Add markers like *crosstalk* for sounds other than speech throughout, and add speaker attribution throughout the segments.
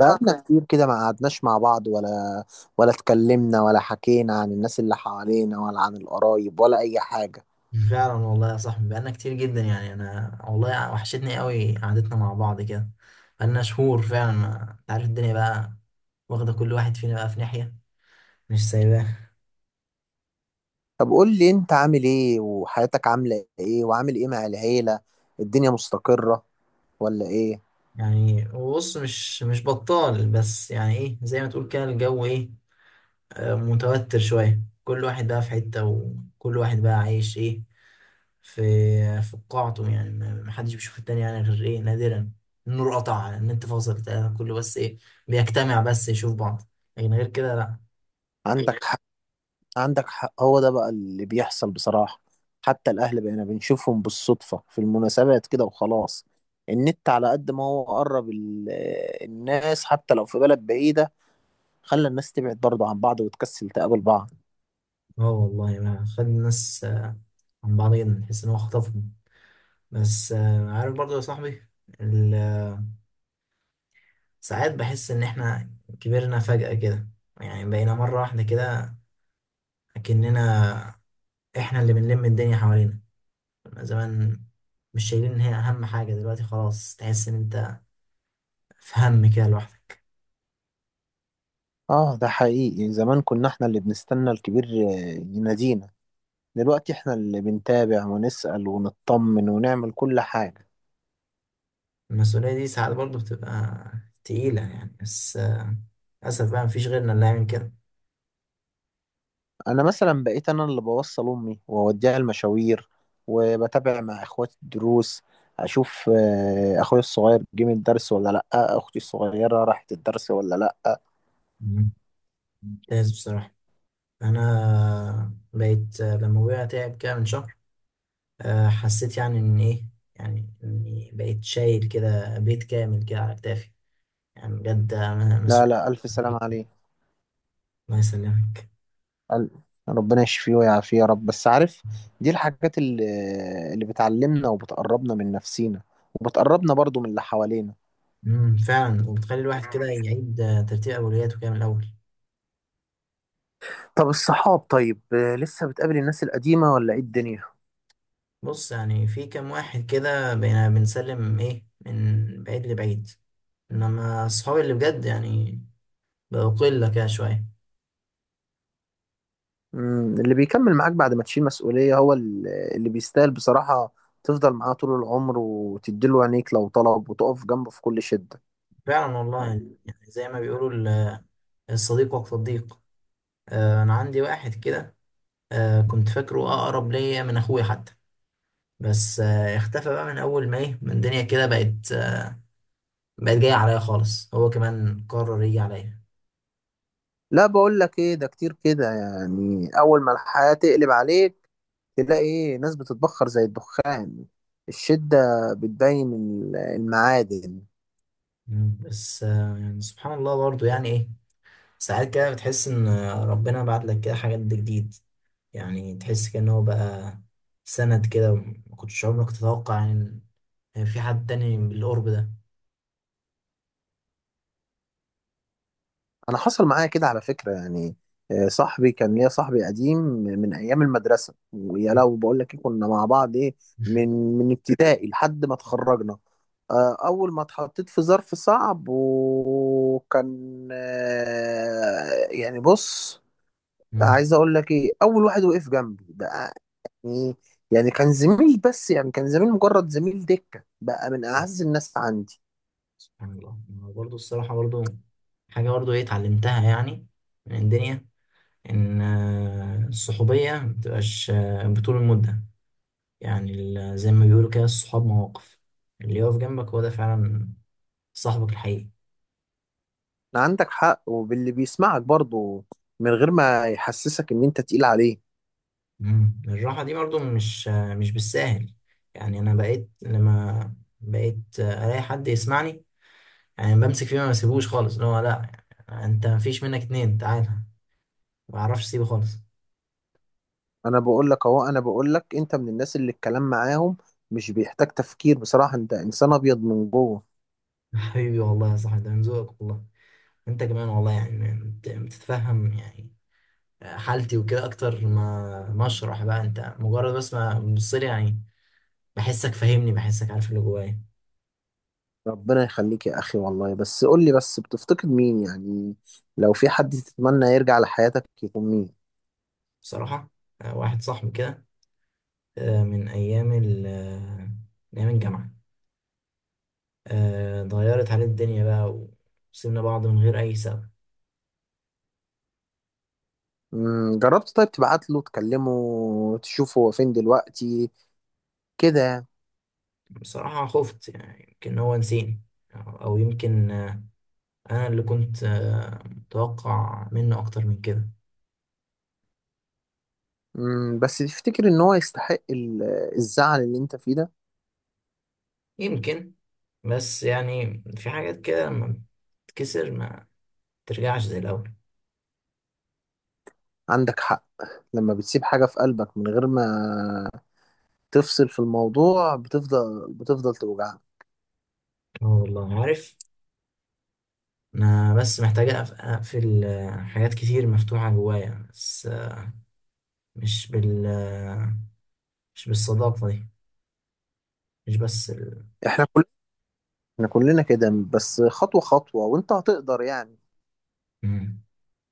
Speaker 1: بقالنا كتير كده ما قعدناش مع بعض ولا اتكلمنا، ولا حكينا عن الناس اللي حوالينا، ولا عن القرايب، ولا أي حاجة.
Speaker 2: فعلا والله يا صاحبي، بقالنا كتير جدا، يعني انا والله وحشتني قوي قعدتنا مع بعض كده. بقالنا شهور فعلا، ما انت عارف الدنيا بقى، واخده كل واحد فينا بقى في ناحيه، مش سايباه.
Speaker 1: طب قول لي أنت عامل إيه، وحياتك عاملة إيه، وعامل إيه مع العيلة؟ الدنيا مستقرة ولا إيه؟
Speaker 2: يعني بص، مش بطال، بس يعني ايه، زي ما تقول كده الجو ايه. متوتر شويه، كل واحد بقى في حته، وكل واحد بقى عايش ايه في في قاعته، يعني ما حدش بيشوف التاني يعني غير ايه نادرا. النور قطع، النت فاصل، بتاع كله، بس ايه، بيجتمع بس يشوف بعض، لكن غير كده لا.
Speaker 1: عندك حق. عندك حق، هو ده بقى اللي بيحصل بصراحة. حتى الأهل بقينا بنشوفهم بالصدفة في المناسبات كده وخلاص. النت على قد ما هو قرب ال-، الناس حتى لو في بلد بعيدة، خلى الناس تبعد برضه عن بعض وتكسل تقابل بعض.
Speaker 2: اه والله، ما خد الناس عن بعض جدا، نحس ان هو خطفهم. بس عارف برضو يا صاحبي، ال- ساعات بحس ان احنا كبرنا فجأة كده. يعني بقينا مرة واحدة كده، اكننا احنا اللي بنلم الدنيا حوالينا، كنا زمان مش شايلين ان هي اهم حاجة، دلوقتي خلاص تحس ان انت في هم كده لوحدك.
Speaker 1: اه، ده حقيقي. زمان كنا احنا اللي بنستنى الكبير ينادينا، دلوقتي احنا اللي بنتابع ونسأل ونطمن ونعمل كل حاجة.
Speaker 2: المسؤولية دي ساعات برضو بتبقى تقيلة يعني، بس للأسف بقى مفيش غيرنا اللي يعمل كده.
Speaker 1: انا مثلا بقيت انا اللي بوصل امي واوديها المشاوير، وبتابع مع اخواتي الدروس، اشوف اخويا الصغير جه من الدرس ولا لا، اختي الصغيرة راحت الدرس ولا لا.
Speaker 2: مم. ممتاز بصراحة. انا بقيت لما ابويا تعب كده من شهر، حسيت يعني ان ايه، يعني اني بقيت شايل كده بيت كامل كده على كتافي، يعني بجد أنا
Speaker 1: لا
Speaker 2: مسؤول.
Speaker 1: لا، الف سلام عليك.
Speaker 2: الله يسلمك.
Speaker 1: قال- ربنا يشفيه ويعافيه يا رب. بس عارف، دي الحاجات اللي بتعلمنا وبتقربنا من نفسينا، وبتقربنا برضو من اللي حوالينا.
Speaker 2: فعلا، وبتخلي الواحد كده يعيد ترتيب اولوياته كده من الاول.
Speaker 1: طب الصحاب؟ طيب لسه بتقابل الناس القديمة ولا ايه الدنيا؟
Speaker 2: بص، يعني في كام واحد كده بقينا بنسلم ايه من بعيد لبعيد، انما اصحابي اللي بجد يعني بقوا قله كده شويه.
Speaker 1: مم، اللي بيكمل معاك بعد ما تشيل مسؤولية هو اللي بيستاهل بصراحة تفضل معاه طول العمر، وتديله عينيك لو طلب، وتقف جنبه في كل شدة.
Speaker 2: فعلا والله يعني، زي ما بيقولوا ال- الصديق وقت الضيق. انا عندي واحد كده، كنت فاكره اقرب ليا من اخويا حتى. بس اختفى بقى من اول ما ايه من الدنيا كده بقت بقت جايه عليا خالص، هو كمان قرر يجي عليا.
Speaker 1: لا، بقول لك ايه، ده كتير كده. يعني اول ما الحياة تقلب عليك تلاقي ايه، ناس بتتبخر زي الدخان. الشدة بتبين المعادن.
Speaker 2: مم. بس يعني سبحان الله برضو، يعني ايه، ساعات كده بتحس ان ربنا بعت لك كده حاجات جديد، يعني تحس كأنه هو بقى سند كده، ما كنتش عمرك تتوقع يعني إن في حد تاني بالقرب ده.
Speaker 1: انا حصل معايا كده على فكرة يعني. صاحبي كان ليا، صاحبي قديم من ايام المدرسة، ويا
Speaker 2: مم.
Speaker 1: لو بقول لك إيه، كنا مع بعض ايه. من
Speaker 2: *laughs*
Speaker 1: من ابتدائي لحد ما اتخرجنا. اول ما اتحطيت في ظرف صعب وكان يعني بص،
Speaker 2: مم.
Speaker 1: عايز اقول لك ايه، اول واحد وقف جنبي ده، مم. يعني كان زميل، بس يعني كان زميل، مجرد زميل دكة، بقى من أعز الناس عندي.
Speaker 2: سبحان الله. برضه الصراحة برضه حاجة برضو ايه اتعلمتها يعني من الدنيا، ان الصحوبية مبتبقاش بطول المدة. يعني زي ما بيقولوا كده الصحاب مواقف، اللي يقف جنبك هو ده فعلا صاحبك الحقيقي.
Speaker 1: عندك حق. وباللي بيسمعك برضه من غير ما يحسسك إن أنت تقيل عليه.
Speaker 2: مم. الراحة دي برضو مش بالساهل. يعني انا بقيت لما بقيت الاقي حد يسمعني، يعني بمسك فيه ما بسيبوش خالص، اللي هو لا انت مفيش منك اتنين، تعالى ما بعرفش اسيبه خالص.
Speaker 1: أنا بقول لك أهو، أنا بقول لك، أنت من الناس اللي الكلام معاهم مش بيحتاج تفكير بصراحة. أنت إنسان أبيض من جوه.
Speaker 2: *laughs* حبيبي والله يا صاحبي، ده من ذوقك والله. انت كمان والله، يعني بتتفهم يعني حالتي وكده، اكتر ما اشرح بقى، انت مجرد بس ما تبص لي يعني، بحسك فاهمني، بحسك عارف اللي جوايا.
Speaker 1: ربنا يخليك يا أخي والله. بس قول لي، بس بتفتقد مين يعني؟ لو في حد تتمنى يرجع لحياتك، يكون مين؟
Speaker 2: بصراحه واحد صاحبي كده، آه، من ايام ال آه، من ايام الجامعه، اتغيرت عليه الدنيا بقى، وسيبنا بعض من غير اي سبب.
Speaker 1: مم. جربت طيب تبعت له، تكلمه، تشوفه هو فين دلوقتي كده يعني.
Speaker 2: بصراحه خفت يعني، يمكن هو نسيني، أو يمكن انا اللي كنت متوقع منه اكتر من كده.
Speaker 1: مم، بس تفتكر ان هو يستحق الزعل اللي انت فيه ده؟
Speaker 2: يمكن، بس يعني في حاجات كده لما بتتكسر ما ترجعش زي الاول.
Speaker 1: عندك حق. لما بتسيب حاجة في قلبك من غير ما تفصل في الموضوع، بتفضل توجعك.
Speaker 2: اه والله، عارف. انا بس محتاج اقفل حاجات كتير مفتوحة جوايا، بس مش بال آه، مش بالصداقة دي، مش بس
Speaker 1: احنا كل احنا كلنا كده. بس خطوة خطوة وانت هتقدر يعني.
Speaker 2: مم.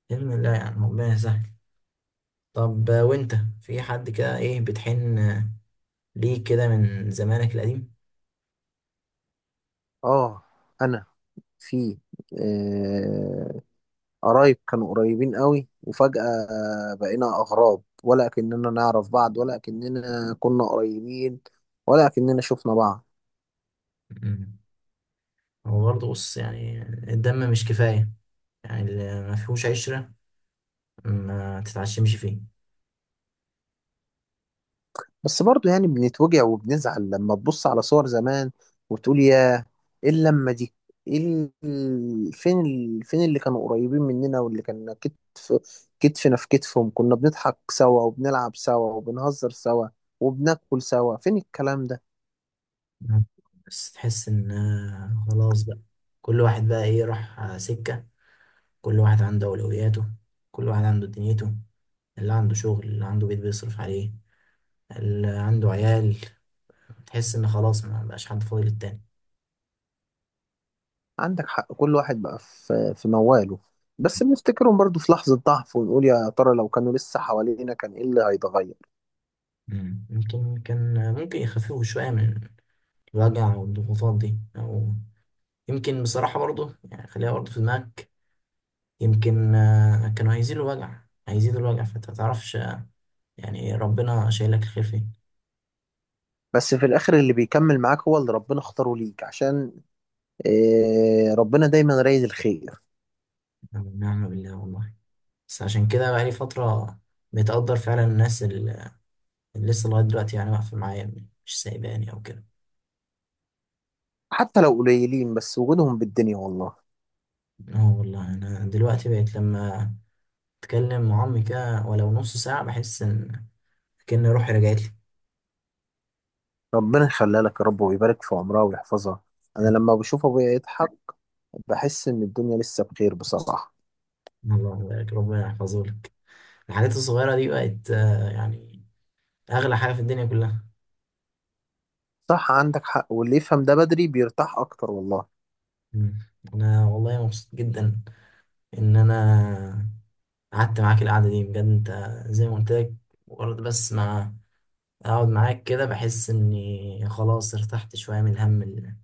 Speaker 2: بإذن الله يعني، ربنا يسهل. طب وانت في حد كده ايه بتحن ليه كده من زمانك القديم؟
Speaker 1: اه، انا في آه، قرايب كانوا قريبين قوي، وفجأة بقينا اغراب، ولا كأننا نعرف بعض، ولا كأننا كنا قريبين، ولا كأننا شفنا بعض.
Speaker 2: مم. هو برضه بص يعني، الدم مش كفاية، يعني اللي ما فيهوش عشرة ما تتعشمش فيه.
Speaker 1: بس برضو يعني بنتوجع وبنزعل لما تبص على صور زمان وتقول، يا ايه اللمة دي؟ ايه فين ال... فين اللي كانوا قريبين مننا، واللي كان كتف كتفنا في كتفهم، كنا بنضحك سوا، وبنلعب سوا، وبنهزر سوا، وبناكل سوا؟ فين الكلام ده؟
Speaker 2: مم. بس تحس ان خلاص بقى، كل واحد بقى ايه راح سكة، كل واحد عنده أولوياته، كل واحد عنده دنيته، اللي عنده شغل، اللي عنده بيت بيصرف عليه، اللي عنده عيال، تحس إن خلاص ما بقاش حد فاضي للتاني.
Speaker 1: عندك حق. كل واحد بقى في مواله. بس بنفتكرهم برضو في لحظة ضعف، ونقول يا ترى لو كانوا لسه حوالينا، كان ايه اللي هيتغير؟
Speaker 2: مم. يمكن كان ممكن يخففوا شوية من الوجع والضغوطات دي، أو يمكن بصراحة برضه، يعني خليها برضه في دماغك، يمكن كانوا هيزيدوا الوجع، هيزيدوا الوجع، فأنت متعرفش يعني إيه، ربنا شايلك الخير فين.
Speaker 1: بس في الاخر، اللي بيكمل معاك هو اللي ربنا اختاره ليك، عشان إيه، ربنا دايما رايد الخير.
Speaker 2: نعم نعم، بالله والله، بس عشان كده بقالي فترة بتقدر فعلا الناس، لسه لغاية دلوقتي يعني واقفة معايا، مش سايباني أو كده.
Speaker 1: حتى لو قليلين، بس وجودهم بالدنيا والله.
Speaker 2: اه والله، أنا دلوقتي بقيت لما أتكلم مع أمي كده ولو نص ساعة، بحس إن كأن روحي رجعت لي.
Speaker 1: ربنا يخليها لك يا رب، ويبارك في عمرها ويحفظها. انا لما بشوف ابويا يضحك بحس ان الدنيا لسه بخير بصراحة.
Speaker 2: الله يبارك، ربنا يحفظهولك. الحاجات الصغيرة دي بقت يعني أغلى حاجة في الدنيا كلها.
Speaker 1: صح، عندك حق. واللي يفهم ده بدري بيرتاح اكتر والله.
Speaker 2: مم. أنا والله مبسوط جدا إن أنا قعدت معاك القعدة دي، بجد أنت زي ما قلت لك، مجرد بس ما أقعد معاك كده بحس إني خلاص ارتحت شوية من الهم اللي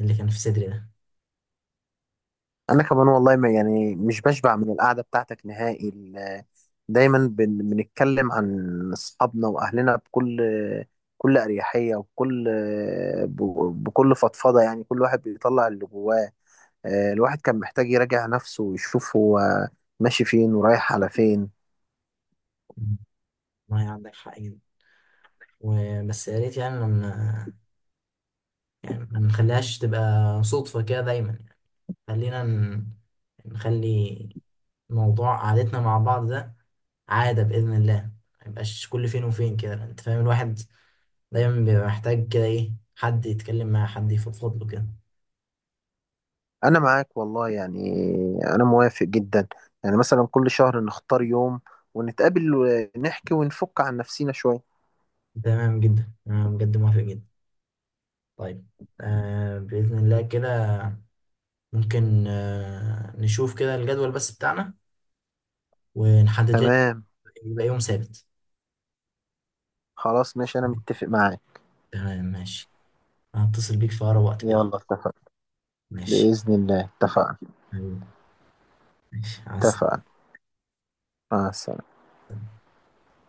Speaker 2: اللي كان في صدري ده.
Speaker 1: انا كمان والله، ما يعني مش بشبع من القعدة بتاعتك نهائي. دايما بنتكلم عن اصحابنا واهلنا بكل، اريحية، وبكل، بكل فضفضة. يعني كل واحد بيطلع اللي جواه. الواحد كان محتاج يراجع نفسه، ويشوف هو ماشي فين ورايح على فين.
Speaker 2: ما هي عندك حق جدا، وبس يا ريت يعني لما، يعني ما نخليهاش تبقى صدفة كده دايما يعني، خلينا نخلي موضوع قعدتنا مع بعض ده عادة بإذن الله، ما يبقاش كل فين وفين كده، انت فاهم، الواحد دايما بيبقى محتاج كده ايه حد يتكلم معاه، حد يفضفض له كده.
Speaker 1: انا معاك والله يعني، انا موافق جدا. يعني مثلا كل شهر نختار يوم ونتقابل ونحكي ونفك عن نفسينا شوية.
Speaker 2: تمام جدا، انا بجد موافق جدا. طيب، بإذن الله كده ممكن نشوف كده الجدول بس بتاعنا، ونحدد لنا
Speaker 1: تمام.
Speaker 2: يبقى يوم ثابت.
Speaker 1: خلاص ماشي، انا متفق معاك.
Speaker 2: تمام ماشي، هتصل بيك في أقرب وقت كده.
Speaker 1: يلا، اتفقنا.
Speaker 2: ماشي
Speaker 1: بإذن الله اتفقنا.
Speaker 2: حبيبي. ماشي عسل.
Speaker 1: اتفقنا، مع السلامة.